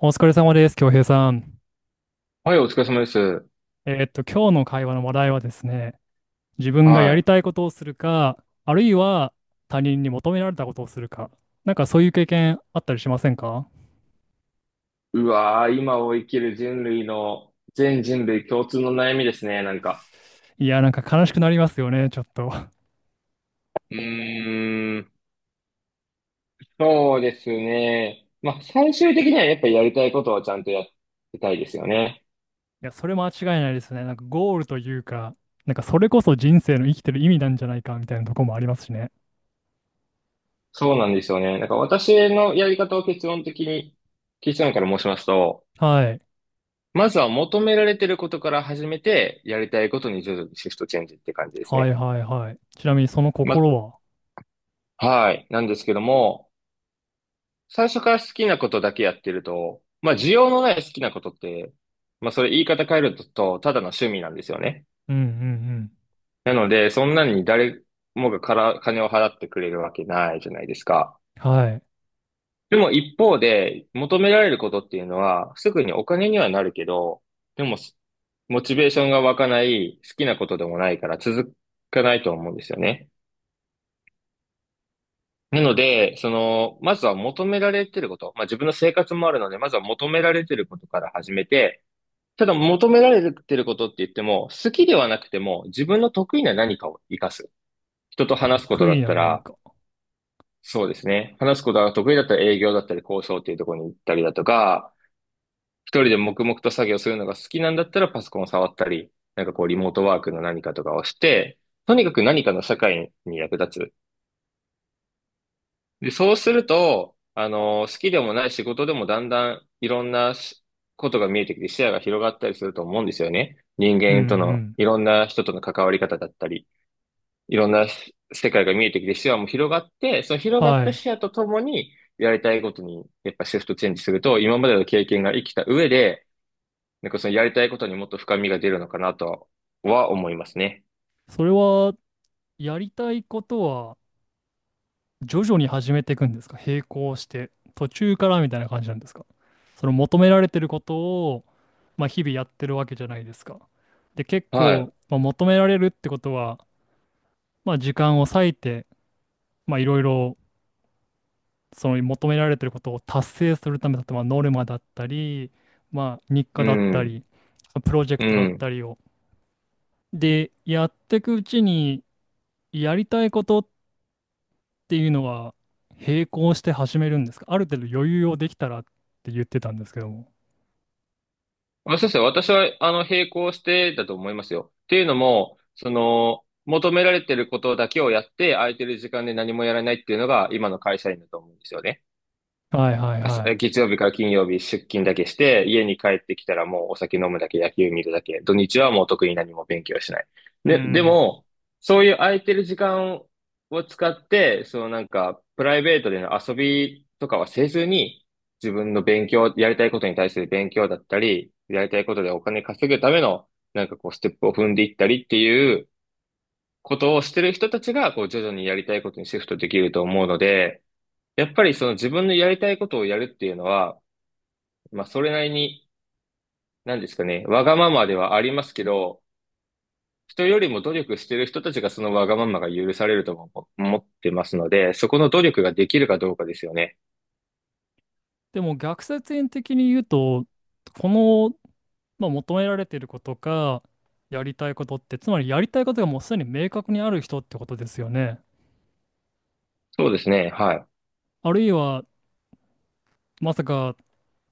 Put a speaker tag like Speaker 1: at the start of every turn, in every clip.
Speaker 1: お疲れ様です、京平さん。
Speaker 2: はい、お疲れ様です。
Speaker 1: 今日の会話の話題はですね、自分がや
Speaker 2: は
Speaker 1: り
Speaker 2: い。
Speaker 1: たいことをするか、あるいは他人に求められたことをするか、そういう経験あったりしませんか？
Speaker 2: うわー、今を生きる人類の、全人類共通の悩みですね、なんか。
Speaker 1: いや、なんか悲しくなりますよね、ちょっと。
Speaker 2: うーん、そうですね。まあ、最終的にはやっぱりやりたいことはちゃんとやってたいですよね。
Speaker 1: いや、それ間違いないですね。なんかゴールというか、なんかそれこそ人生の生きてる意味なんじゃないかみたいなとこもありますしね。
Speaker 2: そうなんですよね。なんか私のやり方を結論的に、結論から申しますと、
Speaker 1: はい。
Speaker 2: まずは求められてることから始めて、やりたいことに徐々にシフトチェンジって感じです
Speaker 1: は
Speaker 2: ね。
Speaker 1: いはいはい。ちなみにその心
Speaker 2: ま、
Speaker 1: は？
Speaker 2: はい。なんですけども、最初から好きなことだけやってると、まあ需要のない好きなことって、まあそれ言い方変えると、ただの趣味なんですよね。
Speaker 1: うんうん
Speaker 2: なので、そんなに誰もがから金を払ってくれるわけないじゃないですか。
Speaker 1: うん。はい。
Speaker 2: でも一方で、求められることっていうのは、すぐにお金にはなるけど、でも、モチベーションが湧かない、好きなことでもないから続かないと思うんですよね。なので、まずは求められてること、まあ自分の生活もあるので、まずは求められてることから始めて、ただ求められてることって言っても、好きではなくても、自分の得意な何かを活かす。人と話すこと
Speaker 1: 得
Speaker 2: だ
Speaker 1: 意
Speaker 2: っ
Speaker 1: な
Speaker 2: た
Speaker 1: 何
Speaker 2: ら、
Speaker 1: か。
Speaker 2: そうですね。話すことが得意だったら営業だったり交渉っていうところに行ったりだとか、一人で黙々と作業するのが好きなんだったらパソコンを触ったり、なんかこうリモートワークの何かとかをして、とにかく何かの社会に役立つ。で、そうすると、好きでもない仕事でもだんだんいろんなことが見えてきて視野が広がったりすると思うんですよね。人
Speaker 1: うんう
Speaker 2: 間との、
Speaker 1: ん。
Speaker 2: いろんな人との関わり方だったり、いろんな世界が見えてきて視野も広がって、その広がっ
Speaker 1: は
Speaker 2: た
Speaker 1: い。
Speaker 2: 視野とともに、やりたいことに、やっぱシフトチェンジすると、今までの経験が生きた上で、なんかそのやりたいことにもっと深みが出るのかなとは思いますね。
Speaker 1: それは、やりたいことは徐々に始めていくんですか？並行して、途中からみたいな感じなんですか？その求められてることを、まあ、日々やってるわけじゃないですか。で、結
Speaker 2: は
Speaker 1: 構、
Speaker 2: い。
Speaker 1: まあ、求められるってことは、まあ、時間を割いて、まあ、いろいろその求められてることを達成するためだと、まあ、ノルマだったり、まあ、日課
Speaker 2: う
Speaker 1: だった
Speaker 2: ん。
Speaker 1: り、プロジェク
Speaker 2: う
Speaker 1: トだっ
Speaker 2: ん。
Speaker 1: たりを。で、やっていくうちに、やりたいことっていうのは並行して始めるんですか？ある程度余裕をできたらって言ってたんですけども。
Speaker 2: まあそうですね。私は、並行してだと思いますよ。っていうのも、求められてることだけをやって、空いてる時間で何もやらないっていうのが、今の会社員だと思うんですよね。
Speaker 1: はいはい
Speaker 2: 朝
Speaker 1: はい。
Speaker 2: 月曜日から金曜日出勤だけして、家に帰ってきたらもうお酒飲むだけ、野球見るだけ、土日はもう特に何も勉強しない。
Speaker 1: う
Speaker 2: で、で
Speaker 1: ん。
Speaker 2: も、そういう空いてる時間を使って、そのなんか、プライベートでの遊びとかはせずに、自分の勉強、やりたいことに対する勉強だったり、やりたいことでお金稼ぐための、なんかこう、ステップを踏んでいったりっていうことをしてる人たちが、こう、徐々にやりたいことにシフトできると思うので、やっぱりその自分のやりたいことをやるっていうのは、まあ、それなりに、なんですかね、わがままではありますけど、人よりも努力してる人たちがそのわがままが許されるとも思ってますので、そこの努力ができるかどうかですよね。
Speaker 1: でも逆説円的に言うと、この、まあ、求められていることか、やりたいことって、つまりやりたいことがもうすでに明確にある人ってことですよね。
Speaker 2: そうですね、は
Speaker 1: あるいは、まさか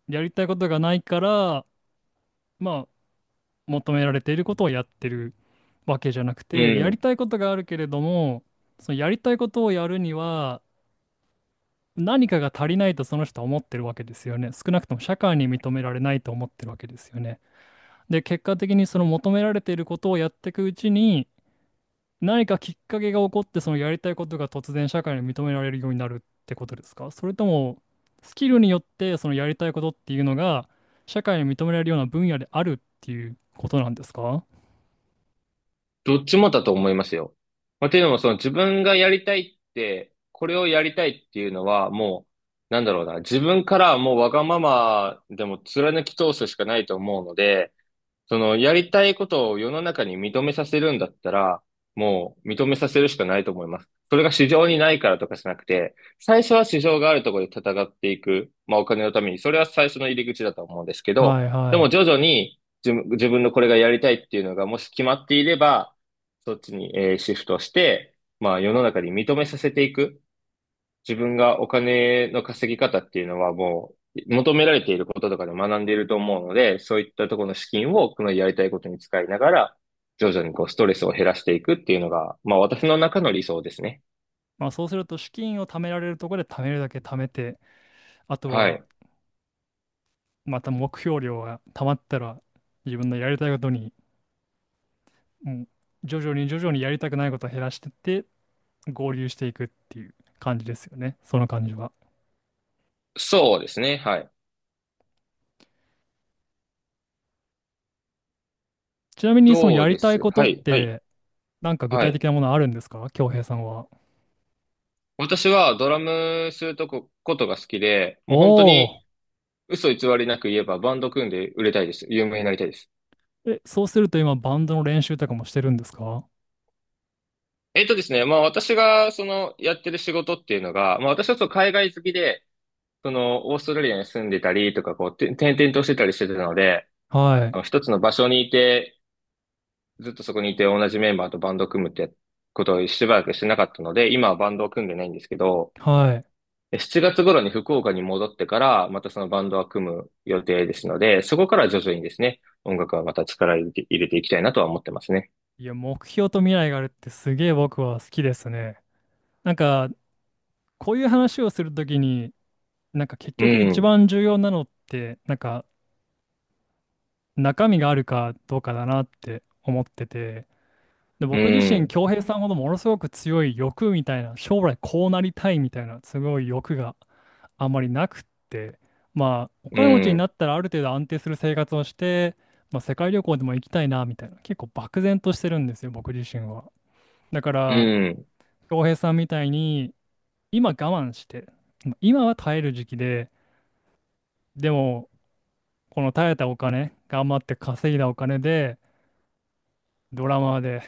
Speaker 1: やりたいことがないから、まあ、求められていることをやってるわけじゃなくて、
Speaker 2: い。う
Speaker 1: やり
Speaker 2: ん。
Speaker 1: たいことがあるけれども、そのやりたいことをやるには、何かが足りないとその人は思ってるわけですよね。少なくとも社会に認められないと思ってるわけですよね。で、結果的にその求められていることをやっていくうちに、何かきっかけが起こって、そのやりたいことが突然社会に認められるようになるってことですか？それとも、スキルによってそのやりたいことっていうのが、社会に認められるような分野であるっていうことなんですか？は
Speaker 2: どっちもだと思いますよ。まあ、というのも、その自分がやりたいって、これをやりたいっていうのは、もう、なんだろうな、自分からはもうわがままでも貫き通すしかないと思うので、やりたいことを世の中に認めさせるんだったら、もう認めさせるしかないと思います。それが市場にないからとかじゃなくて、最初は市場があるところで戦っていく、まあお金のために、それは最初の入り口だと思うんですけ
Speaker 1: い
Speaker 2: ど、で
Speaker 1: は
Speaker 2: も
Speaker 1: い。
Speaker 2: 徐々に自分のこれがやりたいっていうのがもし決まっていれば、そっちに、シフトして、まあ世の中に認めさせていく。自分がお金の稼ぎ方っていうのはもう求められていることとかで学んでいると思うので、そういったところの資金をこのやりたいことに使いながら、徐々にこうストレスを減らしていくっていうのが、まあ私の中の理想ですね。
Speaker 1: まあそうすると資金を貯められるところで貯めるだけ貯めて、あと
Speaker 2: は
Speaker 1: は
Speaker 2: い。
Speaker 1: また目標量が溜まったら自分のやりたいことに、もう徐々に徐々にやりたくないことを減らしてって合流していくっていう感じですよね。その感じは。
Speaker 2: そうですね。はい。
Speaker 1: ちなみにその
Speaker 2: ど
Speaker 1: や
Speaker 2: う
Speaker 1: り
Speaker 2: で
Speaker 1: たい
Speaker 2: す
Speaker 1: こと
Speaker 2: は
Speaker 1: っ
Speaker 2: い、はい、
Speaker 1: てなんか具
Speaker 2: は
Speaker 1: 体的
Speaker 2: い。
Speaker 1: なものあるんですか？恭平さんは。
Speaker 2: 私はドラムするとこ、ことが好きで、も
Speaker 1: お
Speaker 2: う本当
Speaker 1: お。
Speaker 2: に嘘偽りなく言えばバンド組んで売れたいです。有名になりたいです。
Speaker 1: え、そうすると今バンドの練習とかもしてるんですか？
Speaker 2: まあ私がそのやってる仕事っていうのが、まあ私はそう海外好きで、オーストラリアに住んでたりとか、転々としてたりしてたので、
Speaker 1: はい。
Speaker 2: 一つの場所にいて、ずっとそこにいて同じメンバーとバンドを組むってことをしばらくしてなかったので、今はバンドを組んでないんですけど、
Speaker 1: はい。
Speaker 2: 7月頃に福岡に戻ってから、またそのバンドは組む予定ですので、そこから徐々にですね、音楽はまた力入れて、入れていきたいなとは思ってますね。
Speaker 1: いや、目標と未来があるってすげえ僕は好きですね。なんかこういう話をするときになんか結
Speaker 2: う
Speaker 1: 局一
Speaker 2: ん、
Speaker 1: 番重要なのってなんか中身があるかどうかだなって思ってて、で、
Speaker 2: う
Speaker 1: 僕自身、
Speaker 2: ん、
Speaker 1: 恭平さんほどものすごく強い欲みたいな、将来こうなりたいみたいな、すごい欲があんまりなくって、まあ、お
Speaker 2: う
Speaker 1: 金持ちにな
Speaker 2: ん、
Speaker 1: ったらある程度安定する生活をして、まあ、世界旅行でも行きたいなみたいな、結構漠然としてるんですよ、僕自身は。だか
Speaker 2: う
Speaker 1: ら、
Speaker 2: ん、
Speaker 1: 恭平さんみたいに、今我慢して、今は耐える時期で、でも、この耐えたお金、頑張って稼いだお金で、ドラマで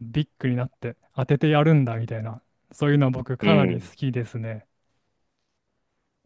Speaker 1: ビッグになって当ててやるんだみたいな、そういうのは僕
Speaker 2: う
Speaker 1: かなり好
Speaker 2: ん。
Speaker 1: きですね。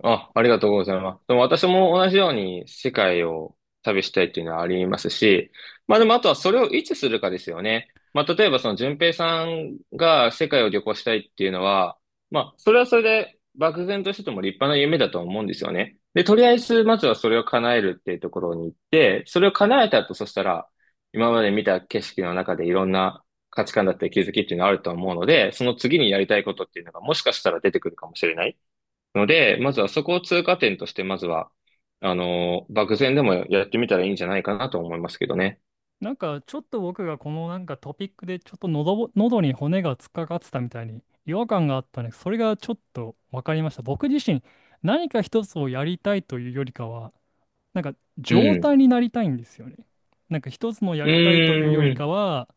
Speaker 2: あ、ありがとうございます。でも私も同じように世界を旅したいっていうのはありますし、まあでもあとはそれをいつするかですよね。まあ例えばその順平さんが世界を旅行したいっていうのは、まあそれはそれで漠然としてても立派な夢だと思うんですよね。で、とりあえずまずはそれを叶えるっていうところに行って、それを叶えた後、そしたら今まで見た景色の中でいろんな価値観だったり気づきっていうのがあると思うので、その次にやりたいことっていうのがもしかしたら出てくるかもしれない。ので、まずはそこを通過点として、まずは、漠然でもやってみたらいいんじゃないかなと思いますけどね。
Speaker 1: なんかちょっと僕がこのなんかトピックでちょっと喉に骨が突っかかってたみたいに違和感があったね。それがちょっと分かりました。僕自身何か一つをやりたいというよりかは、なんか
Speaker 2: う
Speaker 1: 状
Speaker 2: ん。
Speaker 1: 態になりたいんですよね。なんか一つのや
Speaker 2: う
Speaker 1: りたいというより
Speaker 2: ー
Speaker 1: か
Speaker 2: ん。
Speaker 1: は、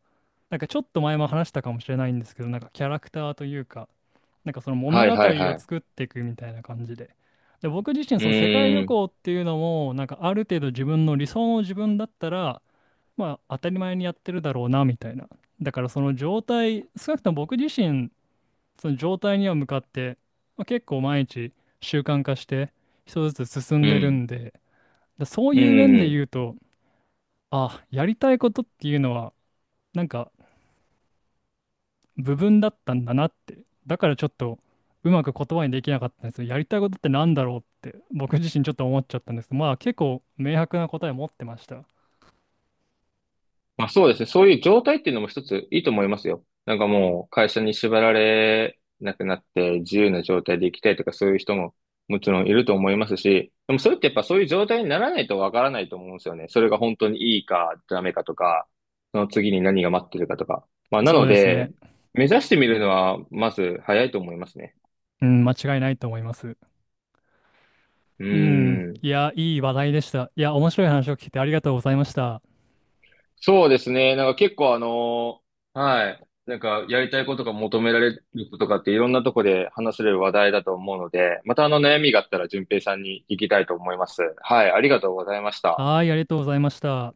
Speaker 1: なんかちょっと前も話したかもしれないんですけど、なんかキャラクターというか、なんかその物
Speaker 2: は
Speaker 1: 語
Speaker 2: いはいは
Speaker 1: を
Speaker 2: い。
Speaker 1: 作っていくみたいな感じで。で、僕自身
Speaker 2: う
Speaker 1: その世界旅
Speaker 2: ーん。
Speaker 1: 行っていうのも、なんかある程度自分の理想の自分だったら、まあ当たり前にやってるだろうなみたいな。だからその状態、少なくとも僕自身、その状態には向かって、まあ、結構毎日習慣化して一つずつ進ん
Speaker 2: う
Speaker 1: でる
Speaker 2: ん。
Speaker 1: んで、だそう
Speaker 2: う
Speaker 1: いう面で
Speaker 2: ん。
Speaker 1: 言うと、あ、やりたいことっていうのは、なんか部分だったんだなって。だからちょっとうまく言葉にできなかったんですよ。やりたいことってなんだろうって僕自身ちょっと思っちゃったんですけど、まあ結構明白な答え持ってました。
Speaker 2: まあそうですね。そういう状態っていうのも一ついいと思いますよ。なんかもう会社に縛られなくなって自由な状態で行きたいとかそういう人ももちろんいると思いますし、でもそれってやっぱそういう状態にならないとわからないと思うんですよね。それが本当にいいかダメかとか、その次に何が待ってるかとか。まあな
Speaker 1: そ
Speaker 2: の
Speaker 1: うですね。
Speaker 2: で、目指してみるのはまず早いと思いますね。
Speaker 1: うん、間違いないと思います。
Speaker 2: う
Speaker 1: うん、
Speaker 2: ーん。
Speaker 1: いや、いい話題でした。いや、面白い話を聞いてありがとうございました。
Speaker 2: そうですね。なんか結構あのーはい。なんかやりたいことが求められることとかっていろんなとこで話せる話題だと思うので、またあの悩みがあったら順平さんに聞きたいと思います。はい。ありがとうございました。
Speaker 1: はい、ありがとうございました。